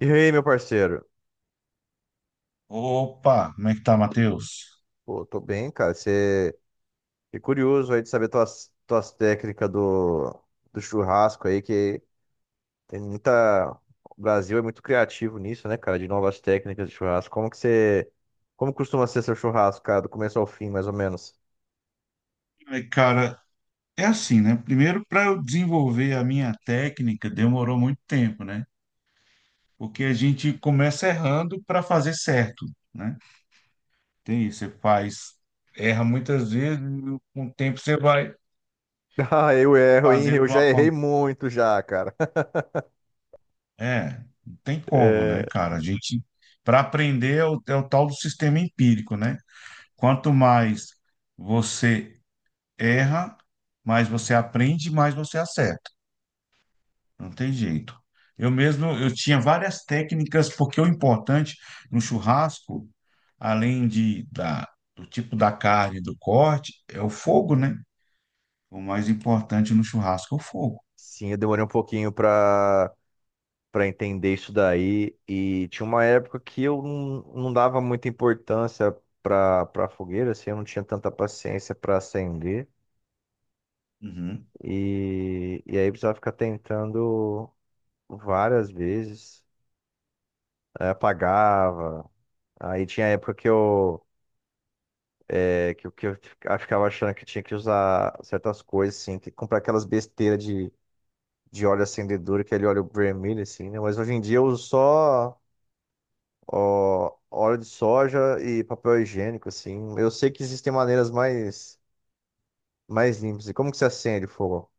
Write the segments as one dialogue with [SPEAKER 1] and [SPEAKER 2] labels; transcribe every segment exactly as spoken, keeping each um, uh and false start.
[SPEAKER 1] E aí, meu parceiro?
[SPEAKER 2] Opa, como é que tá, Matheus?
[SPEAKER 1] Pô, tô bem, cara. Você é curioso aí de saber tuas, tuas técnicas do, do churrasco aí, que tem muita. O Brasil é muito criativo nisso, né, cara? De novas técnicas de churrasco. Como que você. Como costuma ser seu churrasco, cara, do começo ao fim, mais ou menos?
[SPEAKER 2] É, Cara, é assim, né? Primeiro, para eu desenvolver a minha técnica, demorou muito tempo, né? Porque a gente começa errando para fazer certo, né? Tem isso, você faz, erra muitas vezes, e com o tempo você vai
[SPEAKER 1] Ah, eu erro, hein?
[SPEAKER 2] fazendo
[SPEAKER 1] Eu
[SPEAKER 2] de
[SPEAKER 1] já
[SPEAKER 2] uma
[SPEAKER 1] errei
[SPEAKER 2] forma.
[SPEAKER 1] muito já, cara.
[SPEAKER 2] É, não tem como,
[SPEAKER 1] É.
[SPEAKER 2] né, cara? A gente, para aprender, é o, é o tal do sistema empírico, né? Quanto mais você erra, mais você aprende, mais você acerta. Não tem jeito. Eu mesmo, eu tinha várias técnicas, porque o importante no churrasco, além de, da, do tipo da carne, do corte, é o fogo, né? O mais importante no churrasco é o fogo.
[SPEAKER 1] Sim, eu demorei um pouquinho pra para entender isso daí. E tinha uma época que eu não, não dava muita importância para para fogueira, assim, eu não tinha tanta paciência para acender.
[SPEAKER 2] Uhum.
[SPEAKER 1] E, e aí precisava ficar tentando várias vezes. Aí apagava. Aí tinha época que eu. É, que, eu- que eu fica- ficava achando que tinha que usar certas coisas, assim, que comprar aquelas besteiras de, de óleo acendedor, aquele óleo vermelho, assim, né? Mas hoje em dia eu uso só ó, óleo de soja e papel higiênico, assim. Eu sei que existem maneiras mais, mais limpas. E como que você acende o fogo?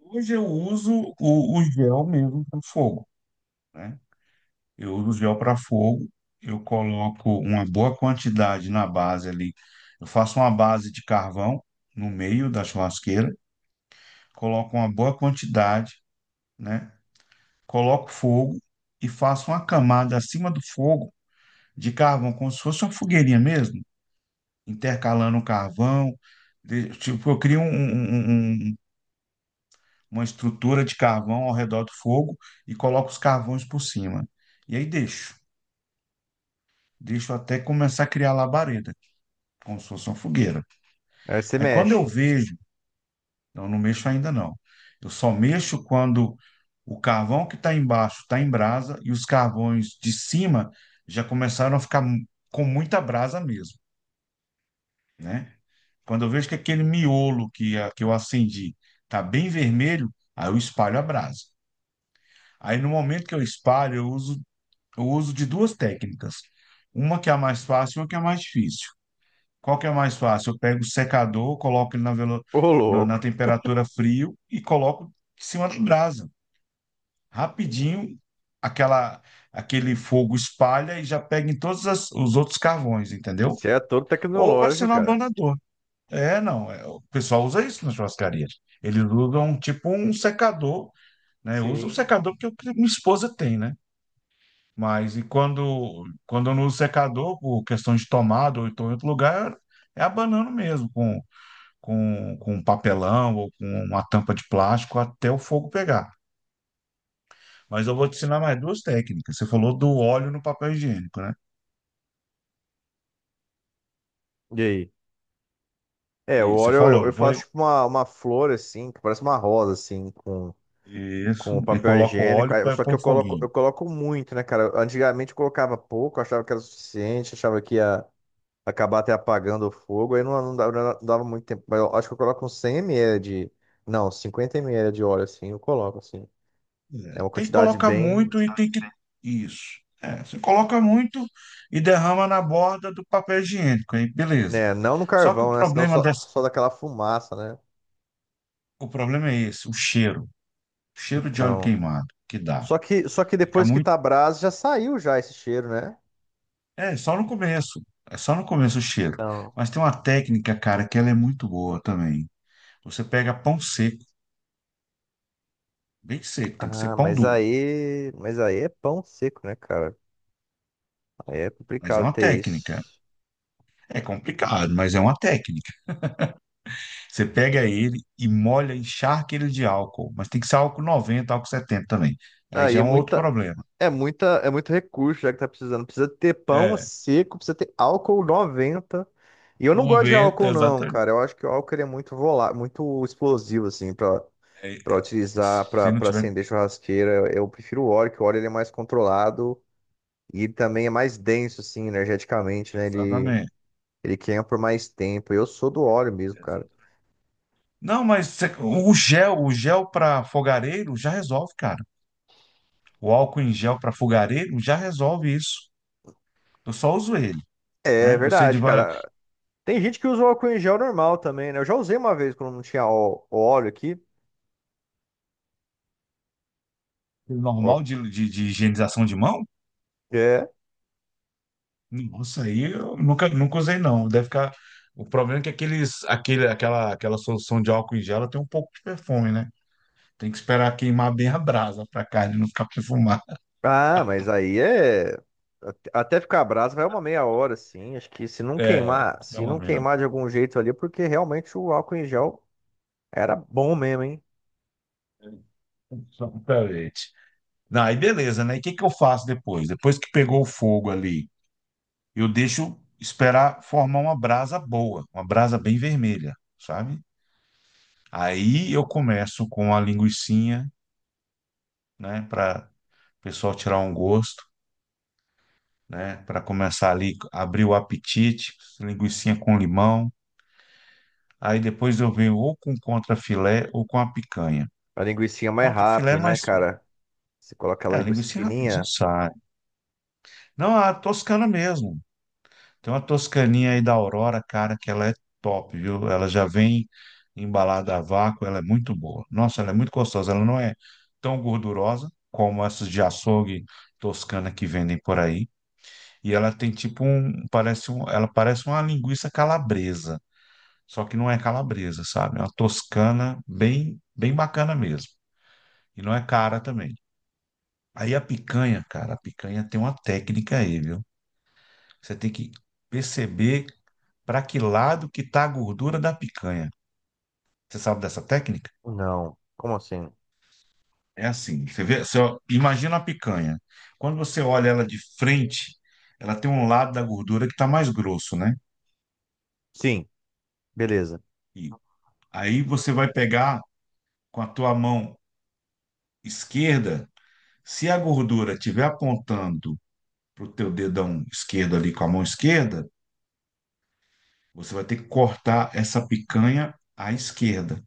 [SPEAKER 2] Hoje eu uso o, o gel mesmo para fogo, né? Eu uso o gel para fogo, eu coloco uma boa quantidade na base ali. Eu faço uma base de carvão no meio da churrasqueira, coloco uma boa quantidade, né? Coloco fogo e faço uma camada acima do fogo de carvão, como se fosse uma fogueirinha mesmo, intercalando o carvão. de- Tipo, eu crio um- um- um- um, um, uma estrutura de carvão ao redor do fogo e coloco os carvões por cima. E aí deixo, deixo até começar a criar labareda, como se fosse uma fogueira.
[SPEAKER 1] Aí você
[SPEAKER 2] Aí quando eu
[SPEAKER 1] mexe.
[SPEAKER 2] vejo. Não, não mexo ainda não. Eu só mexo quando o carvão que está embaixo está em brasa e os carvões de cima já começaram a ficar mu- com muita brasa mesmo, né? Quando eu vejo que aquele miolo que, a- que eu acendi está bem vermelho, aí eu espalho a brasa. Aí no momento que eu espalho, eu uso, eu uso de duas técnicas. Uma que é a mais fácil e uma que é a mais difícil. Qual que é a mais fácil? Eu pego o secador, coloco ele na, velo-
[SPEAKER 1] Ô,
[SPEAKER 2] na na
[SPEAKER 1] louco.
[SPEAKER 2] temperatura frio e coloco em cima da brasa. Rapidinho, aquela, aquele fogo espalha e já pega em todos as- os outros carvões, entendeu?
[SPEAKER 1] Você é todo
[SPEAKER 2] Ou vai ser
[SPEAKER 1] tecnológico,
[SPEAKER 2] no
[SPEAKER 1] cara.
[SPEAKER 2] abanador. É, não. é, O pessoal usa isso na churrascaria. Eles usam tipo um secador, né? Usa um
[SPEAKER 1] Sim.
[SPEAKER 2] secador porque o que minha esposa tem, né? Mas e quando, quando eu não uso secador, por questão de tomada ou então em outro lugar, é abanando mesmo, com, com, com papelão ou com uma tampa de plástico até o fogo pegar. Mas eu vou te ensinar mais duas técnicas. Você falou do óleo no papel higiênico, né?
[SPEAKER 1] E aí? É, o
[SPEAKER 2] E você
[SPEAKER 1] óleo
[SPEAKER 2] falou,
[SPEAKER 1] eu, eu
[SPEAKER 2] não foi?
[SPEAKER 1] faço tipo uma, uma flor, assim, que parece uma rosa, assim, com,
[SPEAKER 2] Isso.
[SPEAKER 1] com
[SPEAKER 2] E
[SPEAKER 1] papel
[SPEAKER 2] coloca o
[SPEAKER 1] higiênico.
[SPEAKER 2] óleo
[SPEAKER 1] Aí-
[SPEAKER 2] para
[SPEAKER 1] só que
[SPEAKER 2] um
[SPEAKER 1] eu coloco,
[SPEAKER 2] foguinho.
[SPEAKER 1] eu coloco muito, né, cara? Antigamente eu colocava pouco, achava que era o suficiente, achava que ia acabar até apagando o fogo, aí não, não dava, não dava muito tempo. Mas eu acho que eu coloco uns cem mililitros de. Não, cinquenta mililitros de óleo, assim, eu coloco, assim.
[SPEAKER 2] É,
[SPEAKER 1] É uma
[SPEAKER 2] tem que
[SPEAKER 1] quantidade
[SPEAKER 2] colocar
[SPEAKER 1] bem.
[SPEAKER 2] muito e tem que. Isso. É, você coloca muito e derrama na borda do papel higiênico, aí beleza.
[SPEAKER 1] Né, não no
[SPEAKER 2] Só que o
[SPEAKER 1] carvão, né? Senão
[SPEAKER 2] problema
[SPEAKER 1] só,
[SPEAKER 2] dessa...
[SPEAKER 1] só daquela fumaça, né?
[SPEAKER 2] o problema é esse, o cheiro. O cheiro de óleo
[SPEAKER 1] Então.
[SPEAKER 2] queimado que dá.
[SPEAKER 1] Só que, só que
[SPEAKER 2] Fica
[SPEAKER 1] depois que
[SPEAKER 2] muito.
[SPEAKER 1] tá a brasa, já saiu já esse cheiro, né?
[SPEAKER 2] É, só no começo. É só no começo o cheiro.
[SPEAKER 1] Então.
[SPEAKER 2] Mas tem uma técnica, cara, que ela é muito boa também. Você pega pão seco. Bem seco, tem que ser
[SPEAKER 1] Ah,
[SPEAKER 2] pão
[SPEAKER 1] mas
[SPEAKER 2] duro.
[SPEAKER 1] aí. Mas aí é pão seco, né, cara? Aí é
[SPEAKER 2] Mas é
[SPEAKER 1] complicado
[SPEAKER 2] uma
[SPEAKER 1] ter
[SPEAKER 2] técnica.
[SPEAKER 1] isso.
[SPEAKER 2] É complicado, mas é uma técnica. Você pega ele e molha, encharca ele de álcool. Mas tem que ser álcool noventa, álcool setenta também. Aí
[SPEAKER 1] Aí
[SPEAKER 2] já
[SPEAKER 1] é
[SPEAKER 2] é um outro
[SPEAKER 1] muita.
[SPEAKER 2] problema.
[SPEAKER 1] É muita, é muito recurso já que tá precisando. Precisa ter pão
[SPEAKER 2] É,
[SPEAKER 1] seco, precisa ter álcool noventa. E eu não gosto de
[SPEAKER 2] noventa
[SPEAKER 1] álcool não,
[SPEAKER 2] exatamente.
[SPEAKER 1] cara. Eu acho que o álcool ele é muito volá, muito explosivo assim para
[SPEAKER 2] É,
[SPEAKER 1] para
[SPEAKER 2] é,
[SPEAKER 1] utilizar para
[SPEAKER 2] se não
[SPEAKER 1] para
[SPEAKER 2] tiver.
[SPEAKER 1] acender churrasqueira. Eu prefiro o óleo, que o óleo ele é mais controlado e ele também é mais denso assim energeticamente, né? Ele
[SPEAKER 2] Exatamente.
[SPEAKER 1] ele queima por mais tempo. Eu sou do óleo mesmo, cara.
[SPEAKER 2] Exatamente. Não, mas você- o gel, o gel para fogareiro já resolve, cara. O álcool em gel para fogareiro já resolve isso. Eu só uso ele,
[SPEAKER 1] É
[SPEAKER 2] né? Eu sei de
[SPEAKER 1] verdade,
[SPEAKER 2] várias,
[SPEAKER 1] cara. Tem gente que usa o álcool em gel normal também, né? Eu já usei uma vez quando não tinha ó- óleo aqui. Ó.
[SPEAKER 2] normal de, de de higienização de mão.
[SPEAKER 1] É.
[SPEAKER 2] Nossa, aí eu nunca, nunca usei, não. Deve ficar. O problema é que aqueles, aquele, aquela, aquela solução de álcool em gel, ela tem um pouco de perfume, né? Tem que esperar queimar bem a brasa para a carne não ficar perfumada.
[SPEAKER 1] Ah, mas aí é. Até até ficar brasa vai uma meia hora, assim. Acho que se não
[SPEAKER 2] É, é
[SPEAKER 1] queimar, se
[SPEAKER 2] pelo
[SPEAKER 1] não
[SPEAKER 2] menos.
[SPEAKER 1] queimar de algum jeito ali, porque realmente o álcool em gel era bom mesmo, hein?
[SPEAKER 2] Exatamente. Não, aí beleza, né? E o que que eu faço depois? Depois que pegou o fogo ali, eu deixo esperar formar uma brasa boa, uma brasa bem vermelha, sabe? Aí eu começo com a linguicinha, né? Para o pessoal tirar um gosto, né? Para começar ali, abrir o apetite, linguicinha com limão. Aí depois eu venho ou com contrafilé ou com a picanha.
[SPEAKER 1] A linguicinha
[SPEAKER 2] O
[SPEAKER 1] é mais
[SPEAKER 2] contrafilé é
[SPEAKER 1] rápido, né,
[SPEAKER 2] mais.
[SPEAKER 1] cara? Você coloca
[SPEAKER 2] É,
[SPEAKER 1] aquela
[SPEAKER 2] a
[SPEAKER 1] linguiça
[SPEAKER 2] linguiça rapidinho
[SPEAKER 1] fininha?
[SPEAKER 2] sai. Não, a toscana mesmo. Tem uma toscaninha aí da Aurora, cara, que ela é top, viu? Ela já vem embalada a vácuo, ela é muito boa. Nossa, ela é muito gostosa. Ela não é tão gordurosa como essas de açougue toscana que vendem por aí. E ela tem tipo um, parece um, ela parece uma linguiça calabresa. Só que não é calabresa, sabe? É uma toscana bem, bem bacana mesmo. E não é cara também. Aí a picanha, cara, a picanha tem uma técnica aí, viu? Você tem que perceber para que lado que tá a gordura da picanha. Você sabe dessa técnica?
[SPEAKER 1] Não. Como assim?
[SPEAKER 2] É assim, você vê, você ó, imagina a picanha. Quando você olha ela de frente, ela tem um lado da gordura que tá mais grosso, né?
[SPEAKER 1] Sim, beleza.
[SPEAKER 2] E aí você vai pegar com a tua mão esquerda, se a gordura estiver apontando para o teu dedão esquerdo ali com a mão esquerda, você vai ter que cortar essa picanha à esquerda,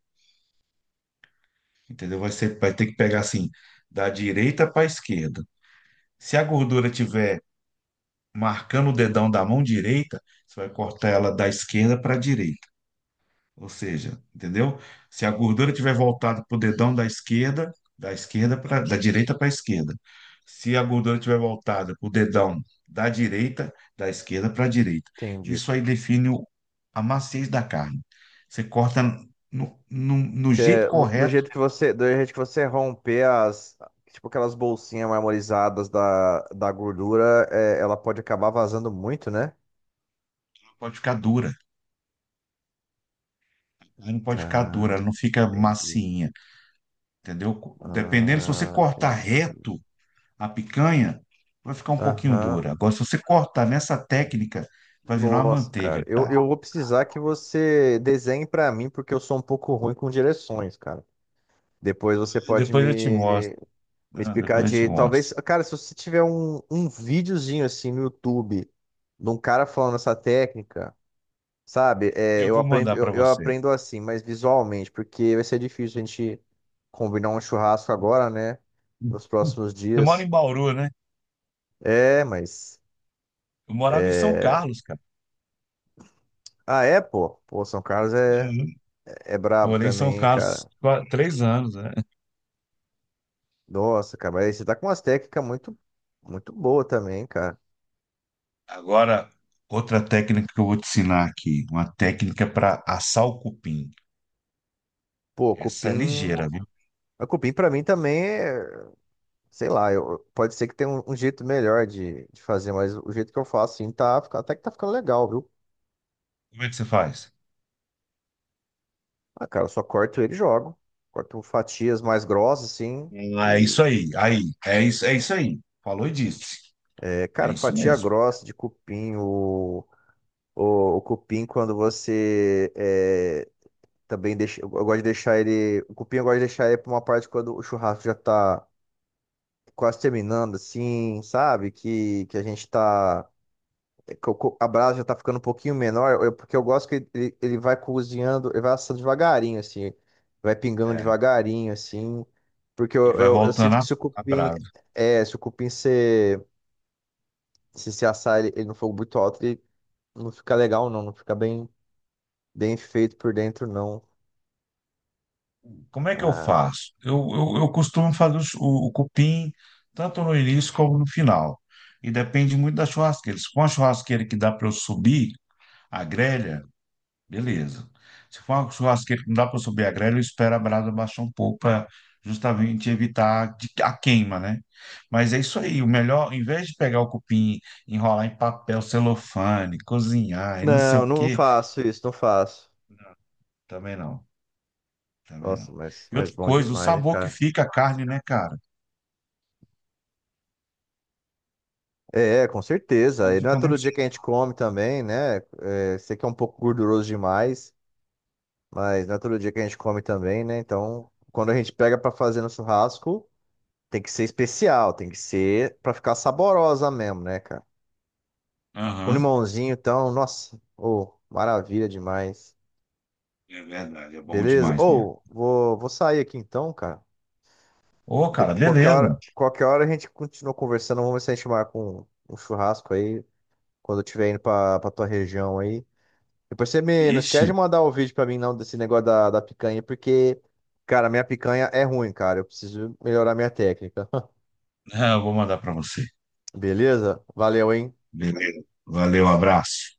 [SPEAKER 2] entendeu? Vai ser, vai ter que pegar assim, da direita para a esquerda. Se a gordura tiver marcando o dedão da mão direita, você vai cortar ela da esquerda para a direita. Ou seja, entendeu? Se a gordura tiver voltada para o dedão da esquerda, da esquerda para da direita para a esquerda. Se a gordura tiver voltada para o dedão da direita, da esquerda para a direita.
[SPEAKER 1] Entendi.
[SPEAKER 2] Isso aí define o- a maciez da carne. Você corta no, no, no
[SPEAKER 1] Que
[SPEAKER 2] jeito
[SPEAKER 1] é vo- do
[SPEAKER 2] correto,
[SPEAKER 1] jeito que você, do jeito que você romper as, tipo aquelas bolsinhas marmorizadas da, da gordura, é, ela pode acabar vazando muito, né?
[SPEAKER 2] ela pode ficar dura. Ela não pode ficar
[SPEAKER 1] Cara,
[SPEAKER 2] dura, ela não fica
[SPEAKER 1] entendi.
[SPEAKER 2] macinha, entendeu? Dependendo, se você
[SPEAKER 1] Ah,
[SPEAKER 2] cortar
[SPEAKER 1] entendi.
[SPEAKER 2] reto, a picanha, vai ficar um pouquinho
[SPEAKER 1] Aham.
[SPEAKER 2] dura. Agora, se você cortar nessa técnica, vai virar uma
[SPEAKER 1] Nossa, cara.
[SPEAKER 2] manteiga,
[SPEAKER 1] Eu,
[SPEAKER 2] cara.
[SPEAKER 1] eu vou precisar que você desenhe pra mim, porque eu sou um pouco ruim com direções, cara. Depois você pode
[SPEAKER 2] Depois eu te
[SPEAKER 1] me,
[SPEAKER 2] mostro,
[SPEAKER 1] me
[SPEAKER 2] né?
[SPEAKER 1] explicar
[SPEAKER 2] Depois eu te
[SPEAKER 1] de. Talvez.
[SPEAKER 2] mostro.
[SPEAKER 1] Cara, se você tiver um, um videozinho assim no YouTube de um cara falando essa técnica, sabe? É,
[SPEAKER 2] Eu
[SPEAKER 1] eu
[SPEAKER 2] vou
[SPEAKER 1] aprendo,
[SPEAKER 2] mandar
[SPEAKER 1] eu,
[SPEAKER 2] para
[SPEAKER 1] eu
[SPEAKER 2] você.
[SPEAKER 1] aprendo assim, mas visualmente, porque vai ser difícil a gente combinar um churrasco agora, né? Nos próximos
[SPEAKER 2] Você mora
[SPEAKER 1] dias.
[SPEAKER 2] em Bauru, né?
[SPEAKER 1] É, mas.
[SPEAKER 2] Eu morava em São Carlos, cara.
[SPEAKER 1] Ah, é, pô? Pô, São Carlos é,
[SPEAKER 2] Uhum.
[SPEAKER 1] é brabo
[SPEAKER 2] Morei em São
[SPEAKER 1] também, hein, cara.
[SPEAKER 2] Carlos qua- três anos, né?
[SPEAKER 1] Nossa, cara, mas você tá com umas técnicas muito, muito boa também, cara.
[SPEAKER 2] Agora, outra técnica que eu vou te ensinar aqui, uma técnica para assar o cupim.
[SPEAKER 1] Pô,
[SPEAKER 2] Essa é
[SPEAKER 1] cupim.
[SPEAKER 2] ligeira, viu?
[SPEAKER 1] A cupim pra mim também é, sei lá, eu, pode ser que tenha um, um jeito melhor de, de fazer, mas o jeito que eu faço assim tá, fica- até que tá ficando legal, viu?
[SPEAKER 2] Como é que você faz?
[SPEAKER 1] Ah, cara, eu só corto ele e jogo. Corto fatias mais grossas, assim.
[SPEAKER 2] Ah, é
[SPEAKER 1] E,
[SPEAKER 2] isso aí, aí, é isso, é isso aí. Falou e disse.
[SPEAKER 1] é,
[SPEAKER 2] É
[SPEAKER 1] cara,
[SPEAKER 2] isso
[SPEAKER 1] fatia
[SPEAKER 2] mesmo.
[SPEAKER 1] grossa de cupim, o, o, o cupim quando você. É, também deixo, eu gosto de deixar ele. O cupim eu gosto de deixar ele pra uma parte quando o churrasco já tá quase terminando, assim, sabe? Que, que a gente tá. Que o co- a brasa já tá ficando um pouquinho menor, eu- porque eu gosto que ele, ele vai cozinhando, ele vai assando devagarinho, assim. Vai pingando
[SPEAKER 2] É.
[SPEAKER 1] devagarinho, assim. Porque
[SPEAKER 2] E
[SPEAKER 1] eu,
[SPEAKER 2] vai
[SPEAKER 1] eu, eu
[SPEAKER 2] voltando
[SPEAKER 1] sinto que
[SPEAKER 2] a,
[SPEAKER 1] se o
[SPEAKER 2] a
[SPEAKER 1] cupim.
[SPEAKER 2] brasa.
[SPEAKER 1] É, se o cupim se, se, se assar ele, ele no fogo muito alto, ele não fica legal, não. Não fica bem, bem feito por dentro, não.
[SPEAKER 2] Como é que eu
[SPEAKER 1] Ah.
[SPEAKER 2] faço? Eu, eu, eu costumo fazer os- o, o cupim tanto no início como no final. E depende muito da churrasqueira. Se for uma churrasqueira que dá para eu subir a grelha, beleza. Se for uma churrasqueira que não dá para eu subir a grelha, eu espero a brasa baixar um pouco para justamente evitar de- a queima, né? Mas é isso aí. O melhor, em vez de pegar o cupim, enrolar em papel celofane, cozinhar e não sei
[SPEAKER 1] Não,
[SPEAKER 2] o
[SPEAKER 1] não
[SPEAKER 2] quê,
[SPEAKER 1] faço isso, não faço.
[SPEAKER 2] também não. Também
[SPEAKER 1] Nossa,
[SPEAKER 2] não.
[SPEAKER 1] mas,
[SPEAKER 2] E
[SPEAKER 1] mas
[SPEAKER 2] outra
[SPEAKER 1] bom
[SPEAKER 2] coisa, o
[SPEAKER 1] demais, né,
[SPEAKER 2] sabor que
[SPEAKER 1] cara?
[SPEAKER 2] fica a carne, né, cara?
[SPEAKER 1] É, é, com certeza.
[SPEAKER 2] Ela
[SPEAKER 1] E não é
[SPEAKER 2] fica
[SPEAKER 1] todo
[SPEAKER 2] muito.
[SPEAKER 1] dia que a gente come também, né? É, sei que é um pouco gorduroso demais, mas não é todo dia que a gente come também, né? Então, quando a gente pega pra fazer no churrasco, tem que ser especial, tem que ser pra ficar saborosa mesmo, né, cara? Com
[SPEAKER 2] Aham,
[SPEAKER 1] limãozinho, então, nossa, ô, maravilha demais.
[SPEAKER 2] é verdade, é bom
[SPEAKER 1] Beleza?
[SPEAKER 2] demais mesmo.
[SPEAKER 1] Ou, vou, vou sair aqui então, cara.
[SPEAKER 2] Ô, cara,
[SPEAKER 1] Depois, qualquer
[SPEAKER 2] beleza.
[SPEAKER 1] hora, qualquer hora a gente continua conversando, vamos ver se a gente marca um, um churrasco aí. Quando eu estiver indo pra, pra tua região aí. Depois você me, não esquece
[SPEAKER 2] Ixi,
[SPEAKER 1] de mandar o vídeo pra mim, não, desse negócio da, da picanha, porque, cara, minha picanha é ruim, cara. Eu preciso melhorar minha técnica.
[SPEAKER 2] eu vou mandar pra você.
[SPEAKER 1] Beleza? Valeu, hein?
[SPEAKER 2] Beleza. Valeu, abraço.